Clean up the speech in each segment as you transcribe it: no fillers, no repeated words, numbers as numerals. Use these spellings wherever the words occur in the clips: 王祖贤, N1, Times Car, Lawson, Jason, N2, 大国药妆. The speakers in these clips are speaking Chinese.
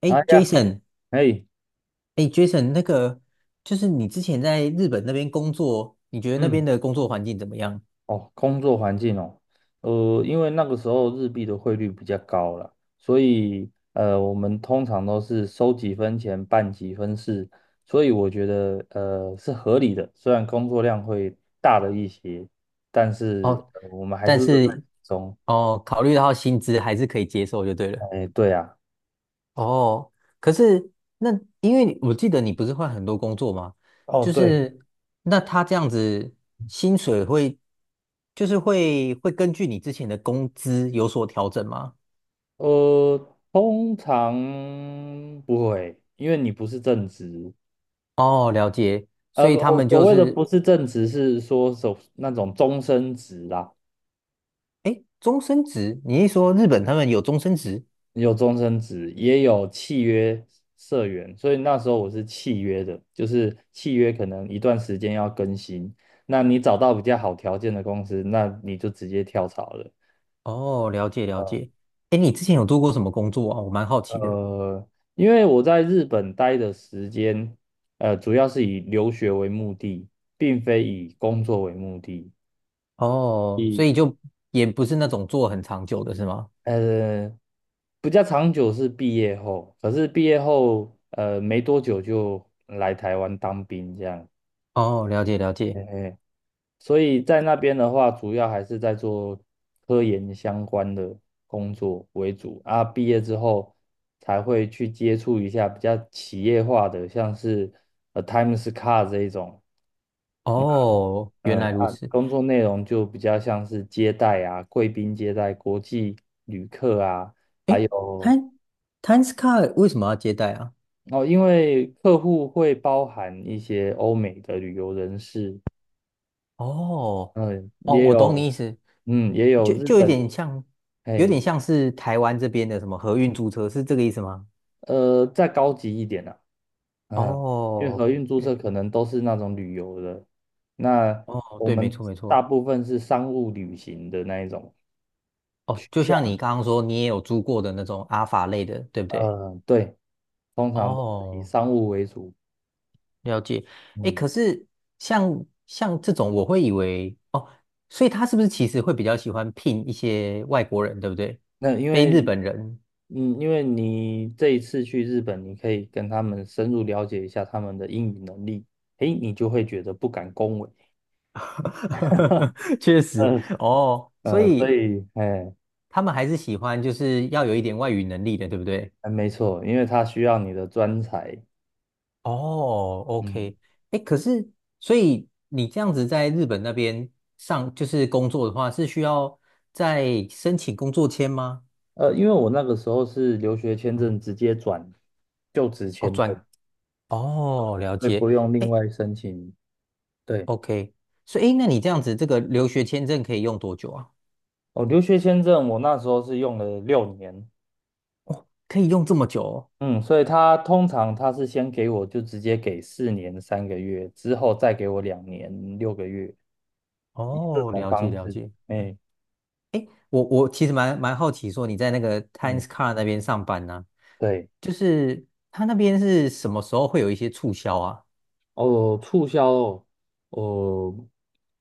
哎哎呀，，Jason，哎，哎，Jason，那个就是你之前在日本那边工作，你觉得那嗯，边的工作环境怎么样？哦，工作环境哦，因为那个时候日币的汇率比较高了，所以我们通常都是收几分钱办几分事，所以我觉得是合理的，虽然工作量会大了一些，但是哦，我们还但是乐在是其中。哦，考虑到薪资还是可以接受就对了。哎，对啊。哦，可是那因为我记得你不是换很多工作吗？哦，就对，是那他这样子薪水会就是会根据你之前的工资有所调整吗？通常不会，因为你不是正职，哦，了解。所以他我们所就谓的不是是正职，是说手那种终身职啦，哎，终身职？你一说日本他们有终身职？有终身职，也有契约社员，所以那时候我是契约的，就是契约可能一段时间要更新，那你找到比较好条件的公司，那你就直接跳槽了。哦，了解了呃解。哎，你之前有做过什么工作啊？我蛮好奇的。呃，因为我在日本待的时间，主要是以留学为目的，并非以工作为目的。哦，所以就也不是那种做很长久的是吗？呃，比较长久是毕业后，可是毕业后没多久就来台湾当兵这样，哦，了解了解。嘿嘿，所以在那边的话，主要还是在做科研相关的工作为主啊。毕业之后才会去接触一下比较企业化的，像是Times Car 这一种，哦，原嗯来如啊，此。工作内容就比较像是接待啊，贵宾接待、国际旅客啊。还有。Time Times Card 为什么要接待啊？哦，因为客户会包含一些欧美的旅游人士，哦嗯，哦，也我懂你意有，思，嗯，也有就日就有本，点像，有点嘿，像是台湾这边的什么合运租车，是这个意思吗？再高级一点啊，嗯，因为哦，合运注册对，可能都是那种旅游的，那哦，我对，没们错没大错。部分是商务旅行的那一种取哦，就像向，你刚刚说，你也有租过的那种阿法类的，对不对？嗯，对，通常都是以哦，商务为主，了解。诶，嗯，可是像这种，我会以为哦，所以他是不是其实会比较喜欢聘一些外国人，对不对？那因非为日本人，嗯，因为你这一次去日本，你可以跟他们深入了解一下他们的英语能力，诶，你就会觉得不敢恭维 确实嗯哦，所所以以，哎，他们还是喜欢就是要有一点外语能力的，对不对？哎没错，因为他需要你的专才。哦嗯，，OK，哎，可是所以你这样子在日本那边上就是工作的话，是需要再申请工作签吗？因为我那个时候是留学签证直接转就职哦，签证，转，哦，了所以解，不用另哎外申请。对，，OK，所以哎，诶那你这样子这个留学签证可以用多久啊？哦，留学签证我那时候是用了6年，可以用这么久哦？嗯，所以他通常他是先给我就直接给4年3个月，之后再给我2年6个月，以这哦，种了解方了式。解。哎，我其实蛮好奇，说你在那个 Times 嗯，Car 那边上班呢、对，就是他那边是什么时候会有一些促销啊？哦，促销哦，哦，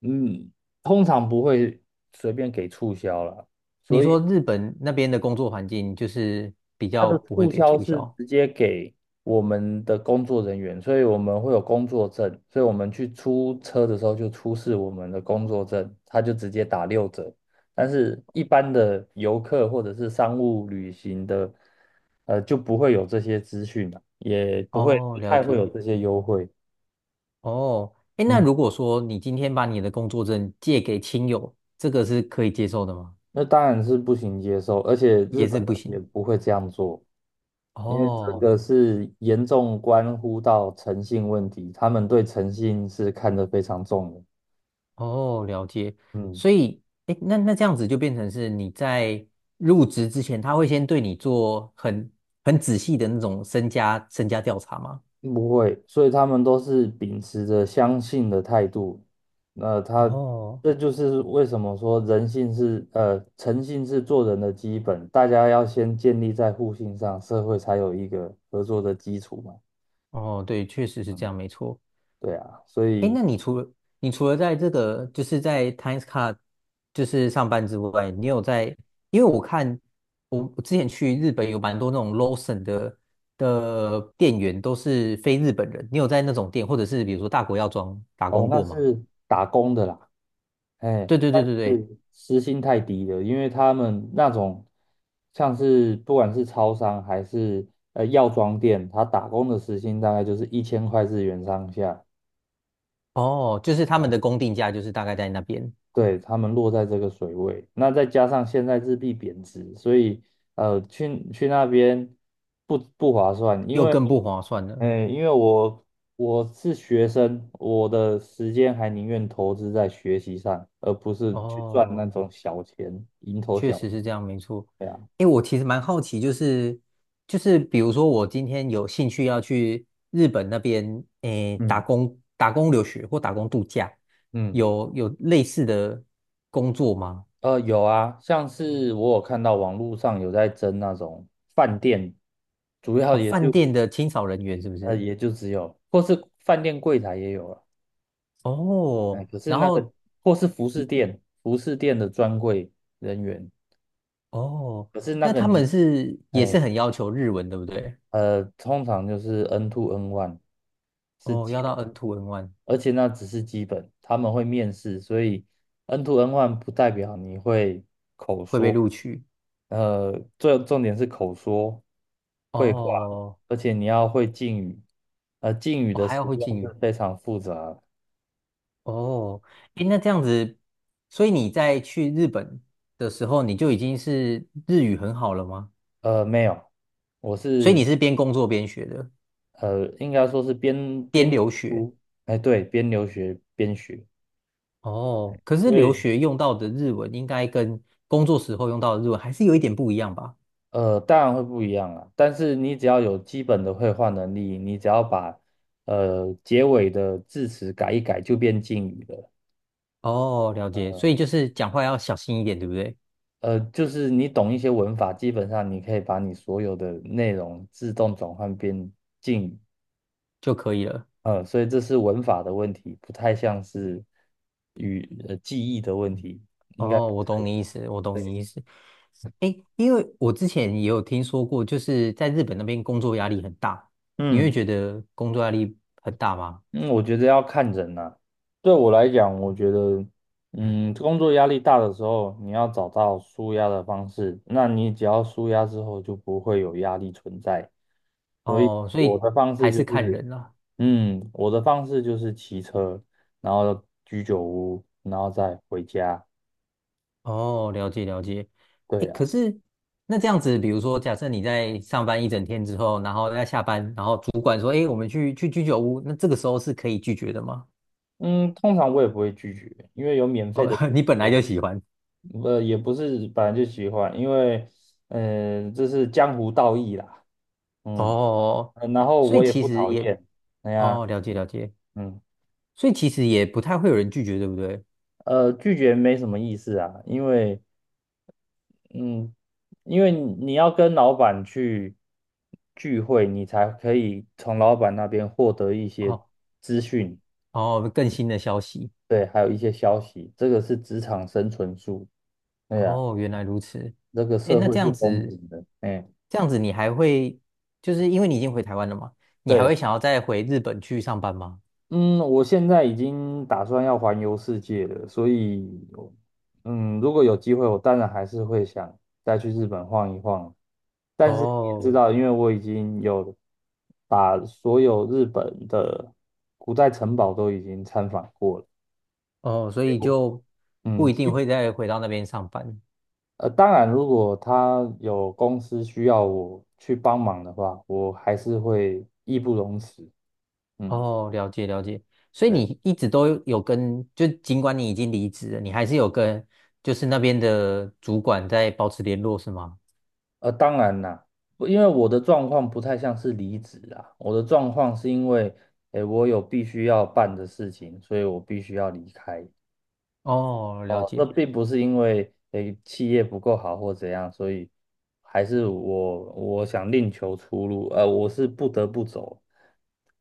嗯，通常不会随便给促销啦，你所以说日本那边的工作环境就是比它较的不会促给销促是销直接给我们的工作人员，所以我们会有工作证，所以我们去出车的时候就出示我们的工作证，它就直接打六折。但是一般的游客或者是商务旅行的，就不会有这些资讯了，也不会哦，不了太会有解这些优惠。哦。哎，那嗯，如果说你今天把你的工作证借给亲友，这个是可以接受的吗？那当然是不行接受，而且日也是本不人也行不会这样做。因为这哦个是严重关乎到诚信问题，他们对诚信是看得非常重的。哦，了解。嗯，所以，哎，那这样子就变成是你在入职之前，他会先对你做很仔细的那种身家调查吗？不会，所以他们都是秉持着相信的态度。那他，哦这就是为什么说人性是，诚信是做人的基本，大家要先建立在互信上，社会才有一个合作的基础嘛。哦，对，确实是这嗯，样，没错。对啊，所哎，以。那你除了在这个就是在 Times Card 就是上班之外，你有在？因为我看我之前去日本有蛮多那种 Lawson 的店员都是非日本人，你有在那种店或者是比如说大国药妆打哦，工那过吗？是打工的啦，哎，对对但对对对，是时薪太低了，因为他们那种像是不管是超商还是药妆店，他打工的时薪大概就是1000块日元上下，哦，就是他们的工定价就是大概在那边，对，他们落在这个水位，那再加上现在日币贬值，所以去那边不划算，因又为。更不划算了。哎，因为我是学生，我的时间还宁愿投资在学习上，而不是去赚那哦，种小钱，蝇头确小。实是这样，没错。利啊，因为我其实蛮好奇，就是比如说我今天有兴趣要去日本那边，诶，打嗯工打工留学或打工度假，嗯，有类似的工作吗？有啊，像是我有看到网络上有在争那种饭店，主要哦，也饭就店的清扫人员是不是？也就只有，或是饭店柜台也有了，哎，哦，可是然那个后或是服饰店，服饰店的专柜人员，哦，可是那那个他们你。是也是哎。很要求日文，对不对？通常就是 N two N one 是哦，基要到 本，N2 N1 而且那只是基本，他们会面试，所以 N two N one 不代表你会口会被说，录取。最重点是口说会话，哦，而且你要会敬语，敬语我的还要使会敬用语。是非常复杂的。哦，诶，那这样子，所以你在去日本的时候，你就已经是日语很好了吗？没有，我所以你是是边工作边学的，应该说是边边边留学。读，哎，对，边留学边学，哦，可所是留以。学用到的日文应该跟工作时候用到的日文还是有一点不一样吧？当然会不一样啊，但是你只要有基本的绘画能力，你只要把结尾的字词改一改，就变敬语了。哦，了解，所呃，以就是讲话要小心一点，对不对？就是你懂一些文法，基本上你可以把你所有的内容自动转换变敬语。就可以了。所以这是文法的问题，不太像是语记忆的问题，应该哦，我懂你意思，我懂对，你意思。诶，因为我之前也有听说过，就是在日本那边工作压力很大，你会嗯。觉得工作压力很大吗？嗯，我觉得要看人呐、对我来讲，我觉得，嗯，工作压力大的时候，你要找到舒压的方式。那你只要舒压之后，就不会有压力存在。所以哦，所我以的方式还就是看是，人啦。嗯，我的方式就是骑车，然后居酒屋，然后再回家。哦，了解了解。诶，对啊，可是那这样子，比如说，假设你在上班一整天之后，然后在下班，然后主管说：“诶，我们去居酒屋。”那这个时候是可以拒绝的吗？嗯，通常我也不会拒绝，因为有免费哦，的酒 你本来喝，就喜欢。也不是本来就喜欢，因为，嗯、这是江湖道义啦。嗯。哦，然后所我以也其不实讨也，厌，哎呀，哦，了解了解。嗯，所以其实也不太会有人拒绝，对不对？拒绝没什么意思啊，因为，嗯，因为你要跟老板去聚会，你才可以从老板那边获得一些哦资讯，哦，更新的消息。对，还有一些消息，这个是职场生存术，对呀，哦，原来如此。这个哎，社那会这是样公子，平的，哎，这样子你还会，就是因为你已经回台湾了嘛，你还对。会想要再回日本去上班吗？嗯，我现在已经打算要环游世界了，所以，嗯，如果有机会，我当然还是会想再去日本晃一晃。但是你也知哦道，因为我已经有把所有日本的古代城堡都已经参访过了，哦，所结以果就不嗯，一定会再回到那边上班。当然，如果他有公司需要我去帮忙的话，我还是会义不容辞。嗯。哦，了解了解。所以对。你一直都有跟，就尽管你已经离职了，你还是有跟，就是那边的主管在保持联络，是吗？当然啦，不因为我的状况不太像是离职啊，我的状况是因为，诶，我有必须要办的事情，所以我必须要离开。哦，了哦，这解。并不是因为，诶，企业不够好或怎样，所以还是我想另求出路，我是不得不走，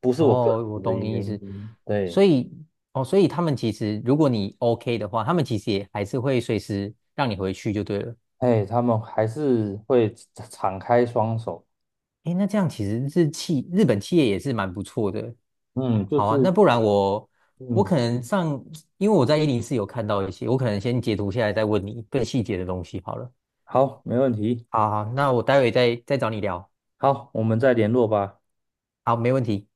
不是我个哦，我人的懂你原意思。因。对，所以，哦，所以他们其实，如果你 OK 的话，他们其实也还是会随时让你回去就对了。哎，他们还是会敞开双手，诶，那这样其实日企日本企业也是蛮不错的。嗯，就好啊，那是，不然我嗯，可能上，因为我在104有看到一些，我可能先截图下来再问你更细节的东西好了。好，没问题，好好，那我待会再找你聊。好，我们再联络吧。好，没问题。